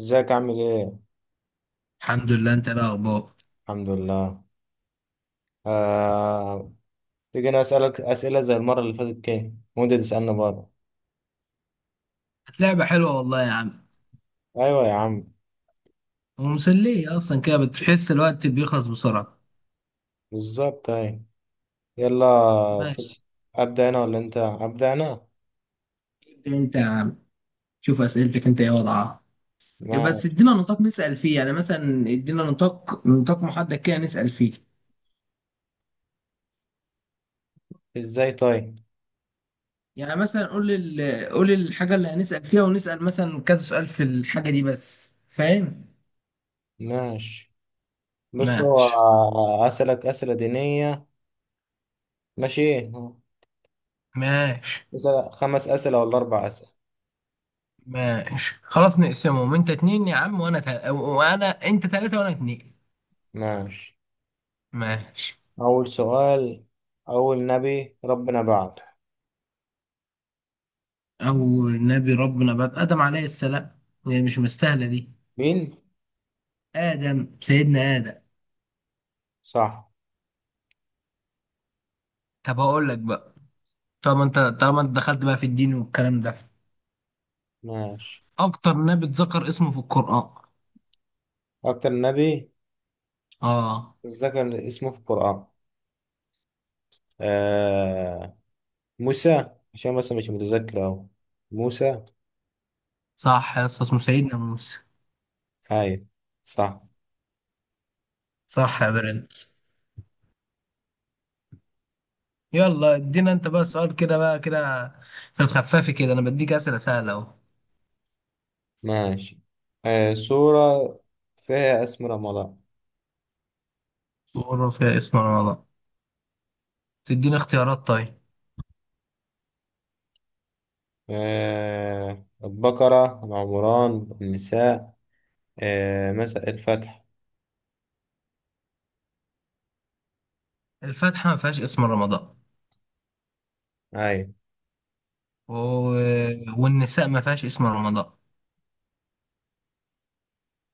ازيك عامل ايه؟ الحمد لله. انت ايه الاخبار؟ الحمد لله. آه... تيجي انا اسألك اسئلة زي المرة اللي فاتت كده وانت تسألني برضه. كانت لعبة حلوة والله يا عم، ايوه يا عم. ومسلية اصلا كده، بتحس الوقت بيخلص بسرعة. بالظبط ايوه. يلا. ت- ماشي. ابدأ انا ولا انت؟ ابدأ انا؟ انت شوف اسئلتك انت ايه وضعها. إيه بس ماشي. ادينا نطاق نسأل فيه، يعني مثلا ادينا نطاق محدد كده نسأل فيه، ازاي طيب؟ يعني مثلا قول قول الحاجة اللي هنسأل فيها ونسأل مثلا كذا سؤال في الحاجة دي، بس فاهم. ماشي. بص هو ماشي. اسألك اسئلة دينية. ماشي. ماشي. مثلا 5 اسئلة ولا 4 اسئلة؟ ماشي خلاص نقسمهم، انت اتنين يا عم وانا انت تلاتة وانا اتنين. ماشي. ماشي. اول سؤال، اول نبي ربنا بعته. أول نبي ربنا بعد آدم عليه السلام، يعني مش مستاهلة دي. مين؟ آدم، سيدنا آدم. صح. طب أقول لك بقى، طالما أنت دخلت بقى في الدين والكلام ده، ماشي. أكتر نبي اتذكر اسمه في القرآن. اكتر نبي آه. الذكر اسمه في القرآن. آه. موسى، عشان بس مش متذكر أهو. موسى. صح يا أسطى، اسمه سيدنا موسى. هاي. صح. صح يا برنس. يلا ادينا أنت بقى سؤال كده بقى كده، في الخفاف كده، أنا بديك أسئلة سهلة أهو. ماشي. آه، سورة فيها اسم رمضان. تقول فيها اسم رمضان؟ تديني اختيارات طيب. آه، البقرة، العمران، النساء، آه، مساء الفتح. الفاتحة ما فيهاش اسم رمضان، هاي. و... والنساء ما فيهاش اسم رمضان.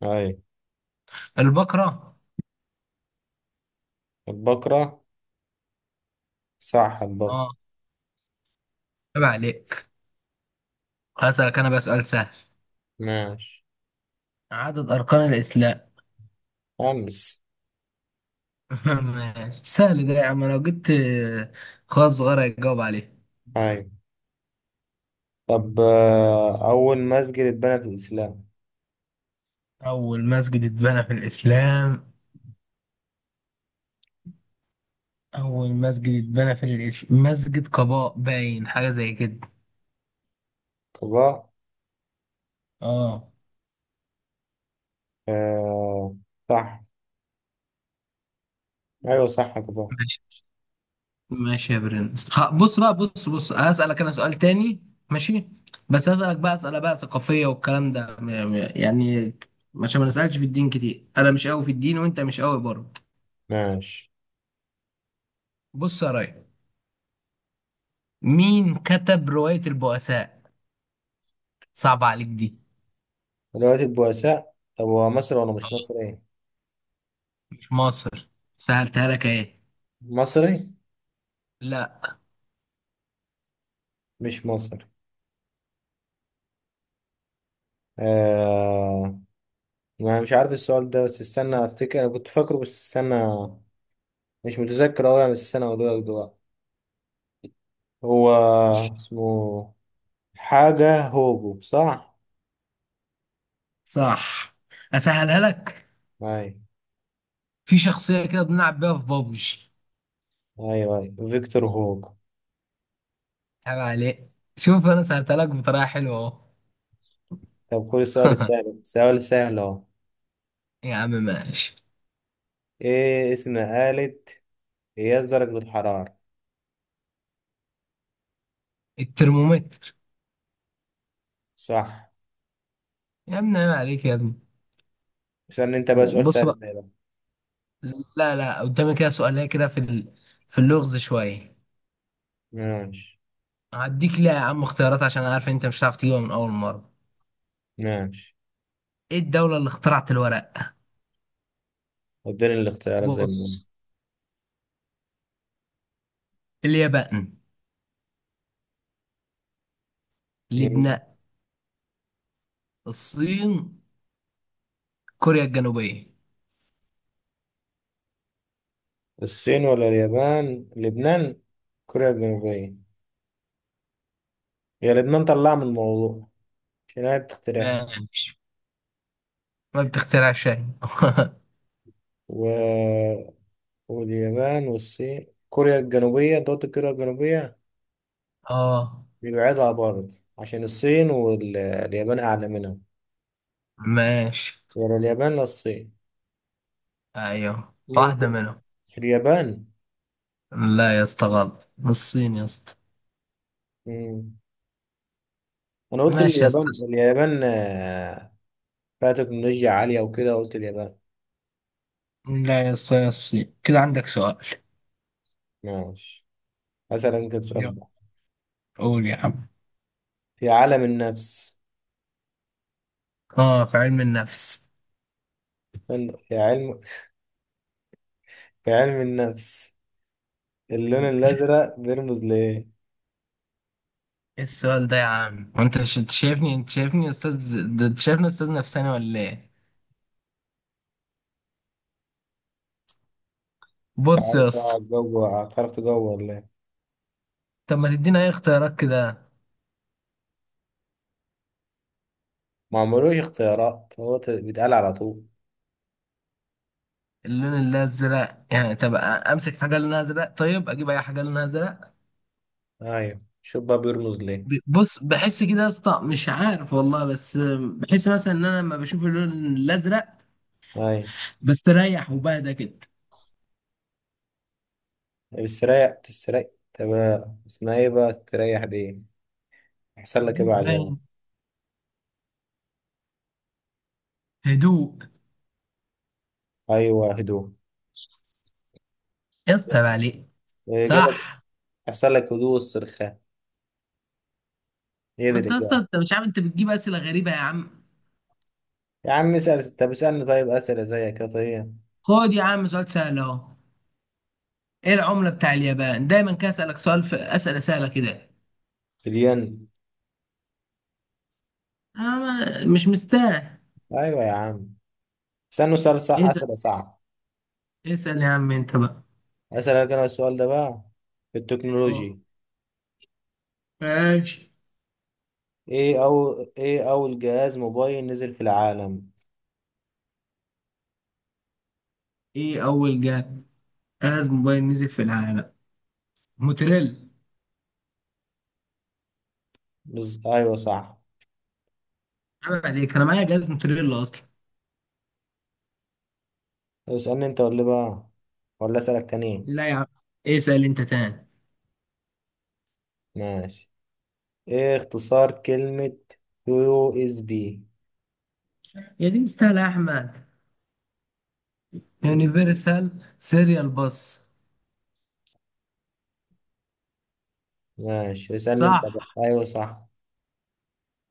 هاي. البقرة. البقرة. صح البقرة. اه، عيب عليك. هسألك انا بقى سؤال سهل، ماشي. عدد اركان الاسلام. 5. ماشي. سهل ده يا عم، لو جبت خاص صغير هيجاوب عليه. هاي. طب آه، أول مسجد اتبنى في الإسلام. اول مسجد اتبنى في الاسلام، اول مسجد اتبنى في الاسلام مسجد قباء، باين حاجه زي كده. قباء. اه. آه. صح. ايوه صح كده. ماشي. ماشي يا برنس. بص بقى، بص هسألك انا سؤال تاني. ماشي. بس هسألك بقى اسئله بقى ثقافيه والكلام ده، يعني عشان ما نسألش في الدين كتير، انا مش قوي في الدين وانت مش قوي برضه. ماشي. بص يا راي، مين كتب رواية البؤساء؟ صعب عليك دي. دلوقتي البؤساء، طب هو مصري ولا مش مصري ايه؟ مش مصر. سهلتها لك ايه. مصري. لا. مش مصري. آه... ما مش عارف السؤال ده، بس استنى افتكر، انا كنت فاكره بس استنى. مش متذكر اوي يعني، بس استنى اقوله لك دلوقتي. هو اسمه حاجة هوجو صح. صح. اسهلها لك، ايوه. في شخصية كده بنلعب بيها في بابجي. ايوه ايوه فيكتور هوجو. عيب عليك، شوف انا سهلتها لك بطريقة حلوة اهو. طب خد السؤال السهل، سؤال سهل اهو. يا عم ماشي. ايه اسم آلة قياس درجة الحرارة؟ الترمومتر. صح. يا ابني عيب عليك يا ابني. استنى انت بقى، سؤال بص سهل بقى. ده بقى. لا لا، قدامي كده سؤالية كده في في اللغز شوية. ماشي. هديك ليه يا عم اختيارات، عشان أنا عارف إن انت مش هتعرف تجيبها من اول مرة. ماشي. ايه الدولة اللي اخترعت الورق؟ اديني الاختيارات زي ما. بص: اليابان، هم. لبنان، الصين، كوريا الجنوبية. الصين ولا اليابان، لبنان، كوريا الجنوبية. هي لبنان طلع من الموضوع عشان هي بتقترح. ماشي. ما بتخترع شيء. و... واليابان والصين كوريا الجنوبية، دولة كوريا الجنوبية اه. بيبعدها برضه عشان الصين واليابان أعلى منها. ماشي. ولا اليابان، لا الصين. ايوه واحدة ممكن منهم. اليابان. لا يا اسطى غلط، الصين يا اسطى. مم. أنا قلت ماشي يا اسطى. اليابان، اليابان آه، فيها تكنولوجيا عالية وكده، قلت اليابان. لا يا اسطى، يا الصين كده. عندك سؤال. ماشي. مثلا كده سؤال. يلا قول يا عم. في عالم النفس، اه، في علم النفس. في علم، في علم النفس اللون أوه. الأزرق بيرمز لإيه؟ ايه السؤال ده يا عم، وانت انت شايفني، استاذ انت شايفني استاذ نفساني ولا ايه؟ بص تعرف يا اسطى. بقى تجوع، هتعرف تجوع ولا إيه؟ طب ما تدينا اي اختيارات كده. ما عملوش اختيارات، هو بيتقال على طول. اللون الازرق يعني؟ طب امسك حاجه لونها ازرق، طيب اجيب اي حاجه لونها ازرق. أيوة، شوف بقى بيرمز ليه. بص، بحس كده يا اسطى مش عارف والله، بس بحس مثلا ان انا لما بشوف اللون الازرق أيوة. بستريح وبهدى كده. بتستريح بتستريح. تمام، اسمها إيه بقى تريح دي؟ يحصل لك إيه هدوء بعدها؟ باين، هدوء. أيوة، هدوء. يا اسطى عيب عليك. الإجابة. صح. يحصل لك هدوء والسرخان، هي دي ما انت يا اسطى الإجابة. انت مش عارف، انت بتجيب اسئله غريبه يا عم. يا عم اسأل، طب اسألني طيب أسئلة زيك يا طيب. خد يا عم سؤال سهل اهو. ايه العمله بتاع اليابان؟ دايما كده اسالك سؤال في اسئله سهله كده. مليان. انا مش مستاهل. أيوة يا عم. استنوا سؤال صعب، اسال، أسئلة صعب. اسال يا عم انت بقى. أسألك أنا السؤال ده بقى في اه، التكنولوجي. ماشي. إيه أو إيه أول جهاز موبايل نزل في العالم؟ ايه اول جهاز، جهاز موبايل نزل في العالم؟ موتوريلا. أيوه صح. عيب عليك، انا معايا جهاز موتوريلا اصلا. اسألني أنت ولا بقى، ولا أسألك تاني؟ لا يا عم، اسال انت تاني. ماشي. إيه اختصار كلمة USB؟ يا دي مستاهله يا احمد. يونيفرسال سيريال باس. ماشي، اسألني أنت صح. بقى. أيوه صح.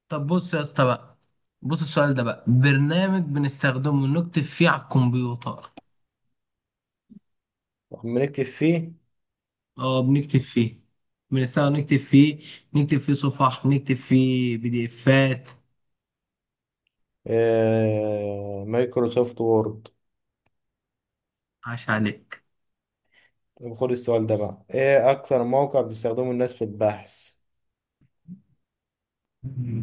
طب بص يا اسطى بقى، بص السؤال ده بقى، برنامج بنستخدمه نكتب فيه على الكمبيوتر. بنكتب فيه. اه بنكتب فيه، بنستخدم نكتب فيه، نكتب فيه صفح، نكتب فيه بي دي افات. مايكروسوفت وورد. عاش عليك. طب خد السؤال ده بقى، إيه أكتر موقع بتستخدمه الناس في البحث؟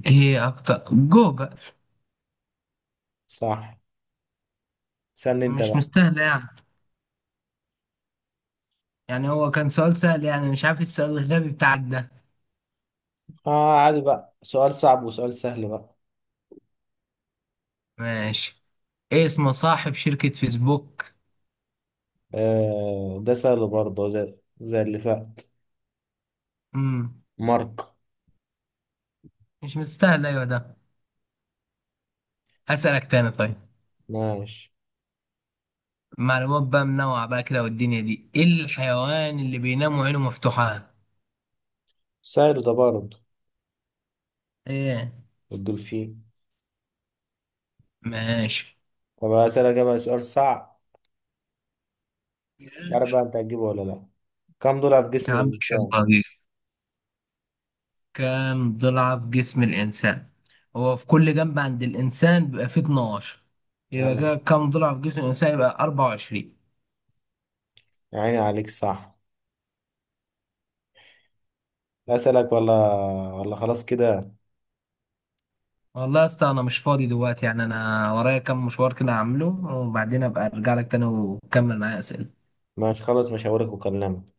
ايه اكتر؟ جوجل. صح. اسألني أنت مش بقى. مستاهله يعني، يعني هو كان سؤال سهل، يعني مش عارف السؤال الغبي بتاعك ده. اه عادي بقى، سؤال صعب وسؤال سهل بقى. ماشي. ايه اسم صاحب شركة فيسبوك؟ آه ده سهل برضه، زي اللي فات. امم مارك. مش مستاهل ايوه ده. هسألك تاني طيب. ماشي. معلومات بقى منوعة بقى كده والدنيا دي، ايه الحيوان اللي بينام وعينه مفتوحة؟ سهل ده برضه. ايه. الدولفين. ماشي. طب هسألك بقى سؤال صعب، مش عارف بقى انت هتجيبه ولا لا. كم ضلع في يا جسم عم ان شاء الإنسان؟ الله غير. كام ضلع في جسم الانسان؟ هو في كل جنب عند الانسان بيبقى فيه 12، يبقى اه. كده كام ضلع في جسم الانسان؟ يبقى 24. يا عيني عليك صح. أسألك ولا خلاص كده؟ والله يا اسطى، انا مش فاضي دلوقتي يعني، انا ورايا كام مشوار كده هعمله، وبعدين ابقى ارجع لك تاني وكمل معايا اسئله. ماشي خلاص، مش هوريك وكلمك.